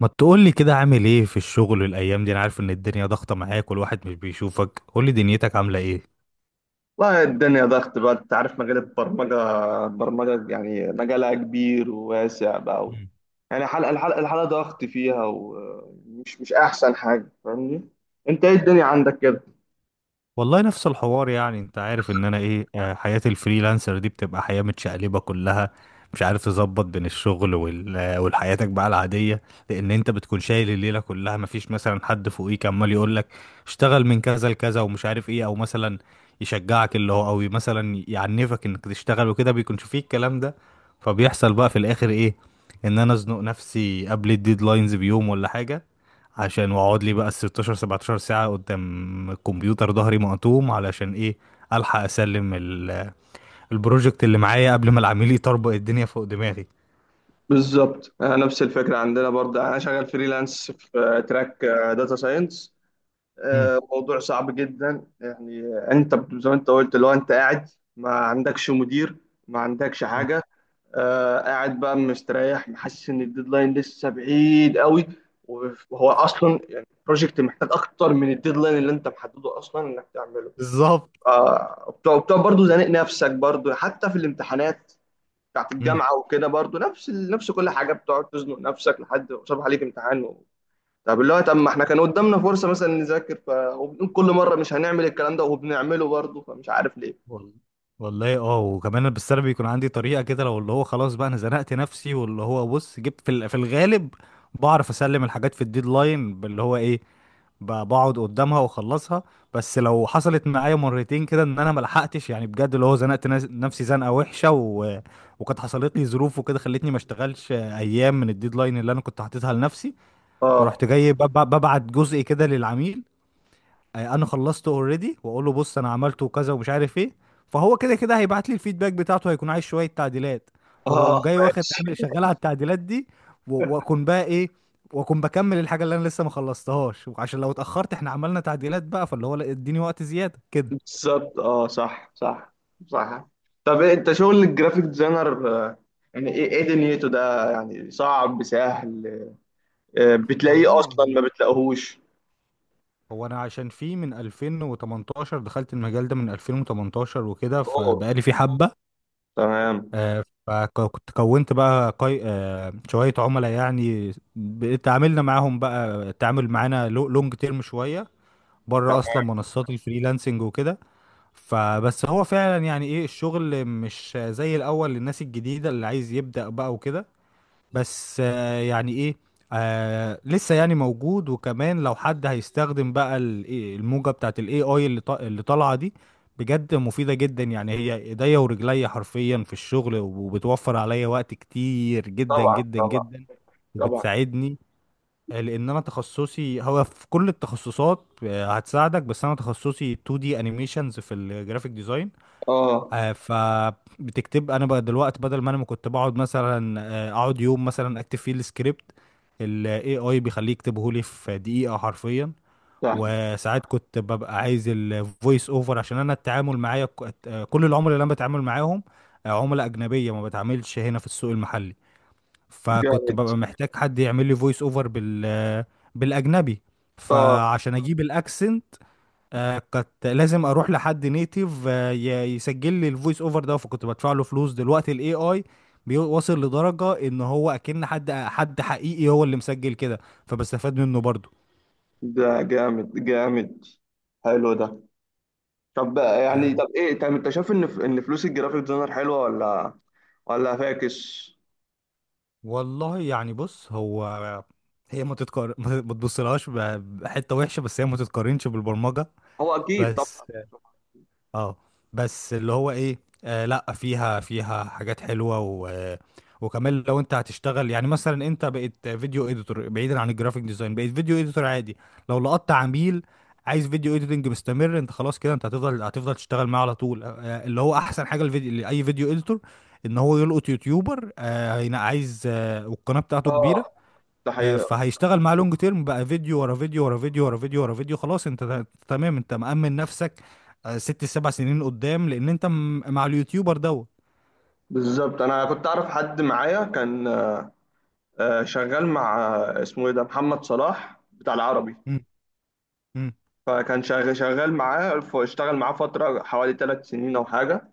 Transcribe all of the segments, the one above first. ما تقولي كده، عامل ايه في الشغل الايام دي؟ انا عارف ان الدنيا ضغطة معاك والواحد مش بيشوفك. قولي دنيتك عاملة ايه؟ والله الدنيا ضغط بقى، انت عارف مجال البرمجة يعني مجالها كبير وواسع بقى و... يعني حلقة الحلقة الحلقة ضغط فيها، ومش مش أحسن حاجة. فاهمني؟ أنت إيه الدنيا عندك كده؟ والله نفس الحوار، يعني انت عارف ان انا ايه، حياة الفريلانسر دي بتبقى حياة متشقلبة كلها. مش عارف تظبط بين الشغل والحياتك بقى العادية. لان انت بتكون شايل الليلة كلها، مفيش مثلا حد فوقيك عمال يقول لك اشتغل من كذا لكذا ومش عارف ايه، او مثلا يشجعك اللي هو، او مثلا يعنفك انك تشتغل وكده. بيكونش فيه الكلام ده. فبيحصل بقى في الاخر ايه؟ ان انا ازنق نفسي قبل الديدلاينز بيوم ولا حاجة، عشان واقعد لي بقى ال 16 17 ساعة قدام الكمبيوتر، ظهري مقطوم. علشان ايه؟ الحق اسلم البروجكت اللي معايا قبل ما العميل يطربق الدنيا فوق دماغي. بالظبط. نفس الفكرة عندنا برضه. يعني أنا شغال فريلانس في تراك داتا ساينس. مم. موضوع صعب جدا. يعني أنت زي ما أنت قلت، لو أنت قاعد ما عندكش مدير، ما عندكش مم. حاجة. قاعد بقى مستريح، محسس ان الديدلاين لسه بعيد قوي، وهو اصلا يعني بروجكت محتاج اكتر من الديدلاين اللي انت محدده اصلا انك تعمله. بالظبط. وبتقعد وبتقعد برضه زانق نفسك برضه، حتى في الامتحانات بتاعت مم. الجامعه وكده. برضه نفس كل حاجه، بتقعد تزنق نفسك لحد ما صبح عليك امتحان و... طب اللي هو، طب ما احنا كان قدامنا فرصه مثلا نذاكر ف... وبنقول كل مره مش هنعمل الكلام ده وبنعمله برضه، فمش عارف ليه. وال- والله اه، وكمان بس انا بيكون عندي طريقة كده. لو اللي هو خلاص بقى انا زنقت نفسي، واللي هو بص، جبت في في الغالب بعرف اسلم الحاجات في الديدلاين، باللي هو ايه، بقعد قدامها واخلصها. بس لو حصلت معايا مرتين كده ان انا ملحقتش، يعني بجد اللي هو زنقت نفسي زنقه وحشه وكانت حصلت لي ظروف وكده خلتني ما اشتغلش ايام من الديدلاين اللي انا كنت حاططها لنفسي. اه. فرحت جاي ببعت جزء كده للعميل، انا خلصته اوريدي، واقول له بص انا عملته كذا ومش عارف ايه. فهو كده كده هيبعت لي الفيدباك بتاعته، هيكون عايز شويه تعديلات. اه. فبقوم جاي واخد ماشي. عامل شغال على التعديلات دي. واكون بقى ايه، واكون بكمل الحاجه اللي انا لسه ما خلصتهاش. وعشان لو اتاخرت، احنا عملنا تعديلات بقى، فاللي هو لا، اديني وقت زياده كده. بالظبط، اه، صح، صح، صح. طب إيه، انت شغل الجرافيك ديزاينر، يعني ايه دنيته ده؟ يعني صعب سهل؟ بتلاقيه والله اصلا هو، ما بتلاقيهوش؟ هو انا عشان فيه من 2018 دخلت المجال ده، من 2018 وكده، اوه. فبقالي فيه حبه. تمام. فكنت كونت بقى قي... آه، شوية عملاء، يعني تعاملنا معاهم بقى. التعامل معانا لونج تيرم شوية، بره تمام. أصلا منصات الفريلانسنج وكده. فبس هو فعلا يعني إيه، الشغل مش زي الأول للناس الجديدة اللي عايز يبدأ بقى وكده. بس يعني ايه، آه لسه يعني موجود. وكمان لو حد هيستخدم بقى ال- إيه، الموجة بتاعت الاي اي اللي طالعة دي، بجد مفيدة جدا. يعني هي ايديا ورجليا حرفيا في الشغل، وبتوفر عليا وقت كتير جدا طبعا، جدا طبعا، جدا، طبعا. وبتساعدني. لان انا تخصصي هو في كل التخصصات هتساعدك، بس انا تخصصي 2D انيميشنز في الجرافيك ديزاين. اه، فبتكتب، انا بقى دلوقتي بدل ما انا ما كنت بقعد مثلا، اقعد يوم مثلا اكتب فيه السكريبت، الاي اي بيخليه يكتبه لي في دقيقة حرفيا. صح. وساعات كنت ببقى عايز الفويس اوفر، عشان انا التعامل معايا كل العملاء اللي انا بتعامل معاهم، عملاء اجنبية، ما بتعاملش هنا في السوق المحلي. فكنت جامد. ببقى محتاج حد يعمل لي فويس اوفر بالاجنبي، اه. فعشان اجيب الاكسنت. آه كنت لازم اروح لحد نيتيف آه يسجل لي الفويس اوفر ده، فكنت بدفع له فلوس. دلوقتي الاي اي بيوصل لدرجة ان هو اكن حد حقيقي هو اللي مسجل كده، فبستفاد منه برضو. ده جامد، جامد. حلو ده. طب بقى يعني، آه طب ايه، طب انت شايف ان ان فلوس الجرافيك ديزاينر حلوه، ولا ولا فاكس؟ والله يعني بص، هو هي ما تبصلهاش بحتة وحشة، بس هي ما تتقارنش بالبرمجة. هو اكيد بس طبعا. اه. بس اللي هو ايه، آه لا، فيها، فيها حاجات حلوه. و وكمان لو انت هتشتغل، يعني مثلا انت بقيت فيديو اديتور بعيدا عن الجرافيك ديزاين، بقيت فيديو اديتور عادي، لو لقطت عميل عايز فيديو اديتنج مستمر، انت خلاص كده. انت هتفضل تشتغل معاه على طول. اللي هو احسن حاجه الفيديو لاي فيديو اديتور، ان هو يلقط يوتيوبر عايز، آه، والقناه بتاعته اه، كبيره. ده حقيقة. فهيشتغل مع لونج تيرم بقى، فيديو ورا فيديو ورا فيديو ورا فيديو ورا فيديو، خلاص انت تمام، انت مأمن نفسك ست سبع سنين قدام، لان انت مع اليوتيوبر دوت. بالظبط. انا كنت اعرف حد معايا كان شغال مع اسمه ايه ده، محمد صلاح بتاع العربي. مم. مم. فكان شغال معاه، فاشتغل معاه فتره حوالي 3 سنين او حاجه.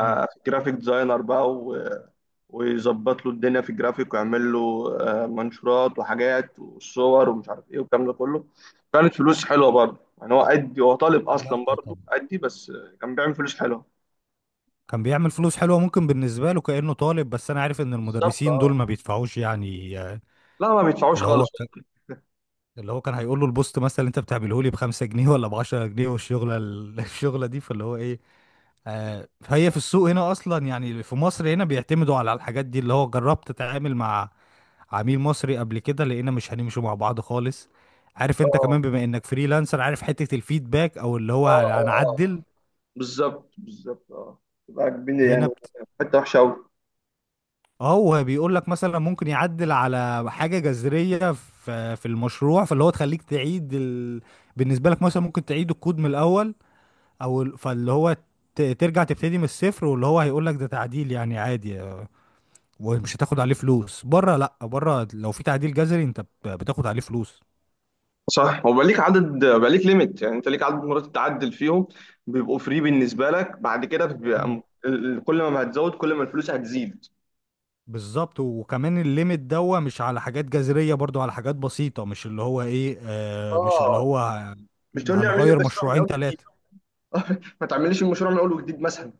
مم. جرافيك ديزاينر بقى ويظبط له الدنيا في الجرافيك ويعمل له منشورات وحاجات وصور ومش عارف ايه والكلام ده كله. كانت فلوس حلوه برضه، يعني هو قدي، هو طالب لا اصلا برضه طبعا. قدي، بس كان بيعمل فلوس حلوه. كان بيعمل فلوس حلوة، ممكن بالنسبة له كأنه طالب، بس أنا عارف إن بالظبط، المدرسين اه. دول ما بيدفعوش، يعني لا، ما بيدفعوش اللي هو خالص. ك- اللي هو كان هيقول له البوست مثلا اللي أنت بتعمله لي بخمسة جنيه ولا بعشرة جنيه، والشغلة الشغلة دي. فاللي هو إيه، فهي في السوق هنا اصلا، يعني في مصر هنا بيعتمدوا على الحاجات دي. اللي هو جربت تتعامل مع عميل مصري قبل كده، لقينا مش هنمشوا مع بعض خالص. عارف انت اه، كمان، بما انك فريلانسر، عارف حتة الفيدباك او اللي هو اه، اه. هنعدل بالظبط، بالظبط، اه، تبقى كبيرة هنا يعني. حتة وحشة أوي. اه، هو بيقول لك مثلا ممكن يعدل على حاجة جذرية في المشروع، فاللي هو تخليك تعيد بالنسبة لك مثلا ممكن تعيد الكود من الاول، او فاللي هو ترجع تبتدي من الصفر. واللي هو هيقول لك ده تعديل، يعني عادي ومش هتاخد عليه فلوس. بره لا، بره لو في تعديل جذري انت بتاخد عليه فلوس. صح. وبقى ليك عدد، بقى ليك ليميت، يعني انت ليك عدد مرات تعدل فيهم بيبقوا فري بالنسبه لك، بعد كده بيبقى مم. كل ما هتزود كل ما الفلوس هتزيد. بالظبط. وكمان الليميت دوا مش على حاجات جذرية برضو، على حاجات بسيطة. مش اللي هو ايه، آه مش اللي اه، هو مش تقول لي اعمل لي هنغير المشروع من مشروعين أول جديد. ثلاثة. ما تعمليش المشروع من اول وجديد مثلا.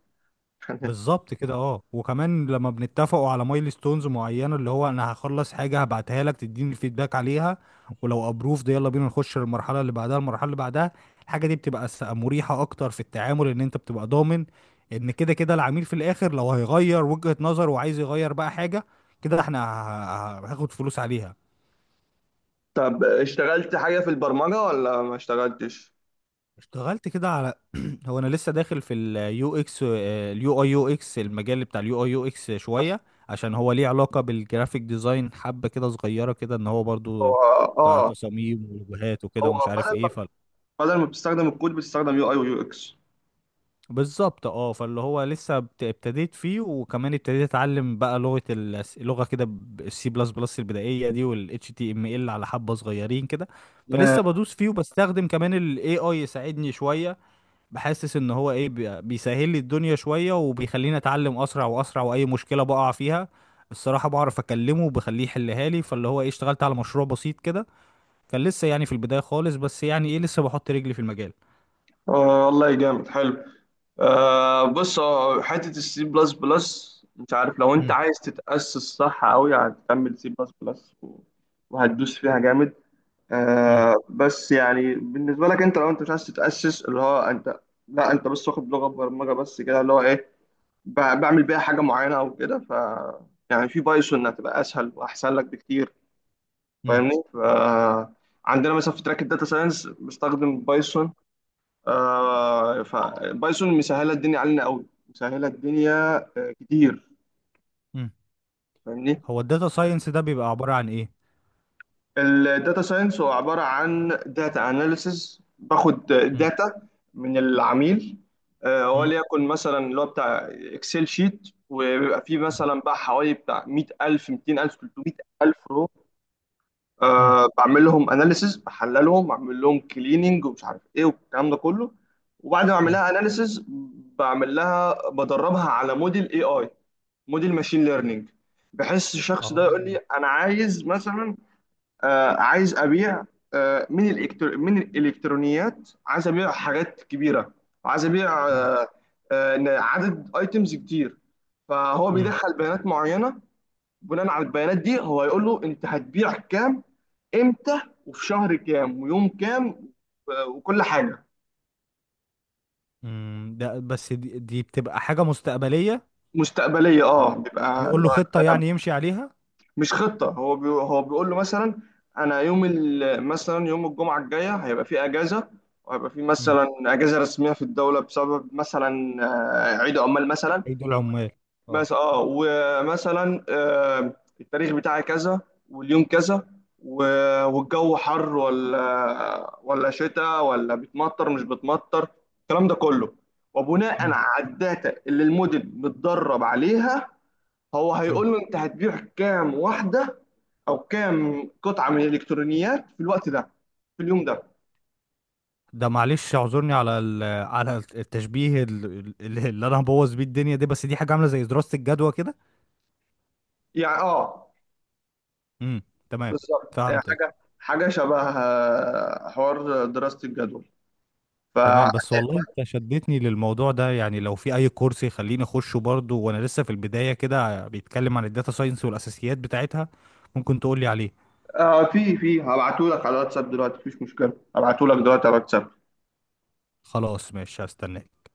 بالظبط كده اه. وكمان لما بنتفقوا على مايلستونز معينه، اللي هو انا هخلص حاجه هبعتها لك، تديني الفيدباك عليها، ولو ابروفد يلا بينا نخش للمرحله اللي بعدها، المرحله اللي بعدها. الحاجه دي بتبقى مريحه اكتر في التعامل، ان انت بتبقى ضامن ان كده كده العميل في الاخر لو هيغير وجهه نظر وعايز يغير بقى حاجه، كده احنا هاخد فلوس عليها. طب اشتغلت حاجه في البرمجه ولا ما اشتغلتش؟ اشتغلت كده على هو انا لسه داخل في اليو اكس، اليو اي يو اكس، المجال بتاع اليو اي يو اكس شويه، عشان هو ليه علاقه بالجرافيك ديزاين حبه كده صغيره كده، ان هو هو برضو بتاع اه تصاميم ولوجوهات وكده ومش هو عارف بدل ايه. ما ف بدل ما بتستخدم الكود بتستخدم يو اي ويو اكس. بالظبط اه. فاللي هو لسه ابتديت فيه، وكمان ابتديت اتعلم بقى لغه كده، السي بلس بلس البدائيه دي، والاتش تي ام ال على حبه صغيرين كده. فلسه بدوس فيه. وبستخدم كمان الاي اي يساعدني شويه. بحسس ان هو ايه، بيسهل لي الدنيا شوية، وبيخليني اتعلم اسرع واسرع، واي مشكلة بقع فيها الصراحة بعرف اكلمه وبخليه يحلها لي. فاللي هو ايه، اشتغلت على مشروع بسيط كده، كان لسه يعني في البداية خالص، بس يعني ايه لسه بحط رجلي في المجال. والله جامد، حلو. بص، هو حته السي بلس بلس، انت عارف لو انت مم، عايز تتاسس صح قوي هتكمل سي بلس بلس وهتدوس فيها جامد. مم، بس يعني بالنسبه لك انت، لو انت مش عايز تتاسس اللي هو انت، لا انت بس واخد لغه برمجه بس كده اللي هو ايه، ب- بعمل بيها حاجه معينه او كده، ف يعني في بايثون هتبقى اسهل واحسن لك بكتير. مم، فاهمني؟ ف عندنا مثلا في تراك الداتا ساينس بستخدم بايثون. فبايثون مسهله الدنيا علينا قوي، مسهله الدنيا كتير. مم، فاهمني؟ هو الداتا ساينس ده بيبقى عبارة عن ايه؟ الداتا ساينس هو عباره عن داتا اناليسز. باخد مم، داتا من العميل، مم، وليكن مثلا اللي هو بتاع اكسل شيت، وبيبقى فيه مثلا بقى حوالي بتاع 100,000 200,000 300,000 رو. مم، بعمل لهم اناليسز، بحللهم، بعمل لهم كليننج، ومش عارف ايه والكلام ده كله. وبعد ما اعمل مم، لها اناليسز بعمل لها، بدربها على موديل اي اي، موديل ماشين ليرنينج. بحس الشخص ده اه. يقول لي، انا عايز مثلا عايز ابيع، من من الالكترونيات، عايز ابيع حاجات كبيره، وعايز ابيع مم، عدد ايتمز كتير. فهو مم، بيدخل بيانات معينه، بناء على البيانات دي هو يقول له انت هتبيع كام، امتى، وفي شهر كام، ويوم كام وكل حاجه. امم. ده بس دي, دي بتبقى حاجة مستقبلية. مستقبليه، اه، بيبقى بيقول اللي له هو خطة يعني يمشي عليها. مش خطة. هو هو بيقول له مثلا، أنا مثلا يوم الجمعة الجاية هيبقى في أجازة، وهيبقى في مم، مثلا أجازة رسمية في الدولة بسبب مثلا عيد عمال مثلا. ايدي العمال. اه. مثلا اه، ومثلا التاريخ بتاعي كذا، واليوم كذا و... والجو حر ولا، ولا شتاء، ولا بتمطر مش بتمطر، الكلام ده كله. وبناء على الداتا اللي الموديل متدرب عليها، هو مم، هيقول له انت هتبيع كام واحدة او كام قطعه من الالكترونيات في الوقت ده، في اليوم ده. ده معلش اعذرني على على التشبيه اللي انا هبوظ بيه الدنيا دي، بس دي حاجه عامله زي دراسه الجدوى كده. يعني اه. امم. تمام. بالظبط، يعني فهمتك. حاجه، حاجه شبه حوار دراسه الجدول. ف تمام. بس والله انت شدتني للموضوع ده، يعني لو في اي كورس يخليني اخشه برضه وانا لسه في البدايه كده، بيتكلم عن الداتا ساينس والاساسيات بتاعتها، ممكن تقولي عليه. في هبعته لك على الواتساب دلوقتي، مفيش مشكله، هبعته لك دلوقتي على الواتساب. خلاص ماشي، هستناك.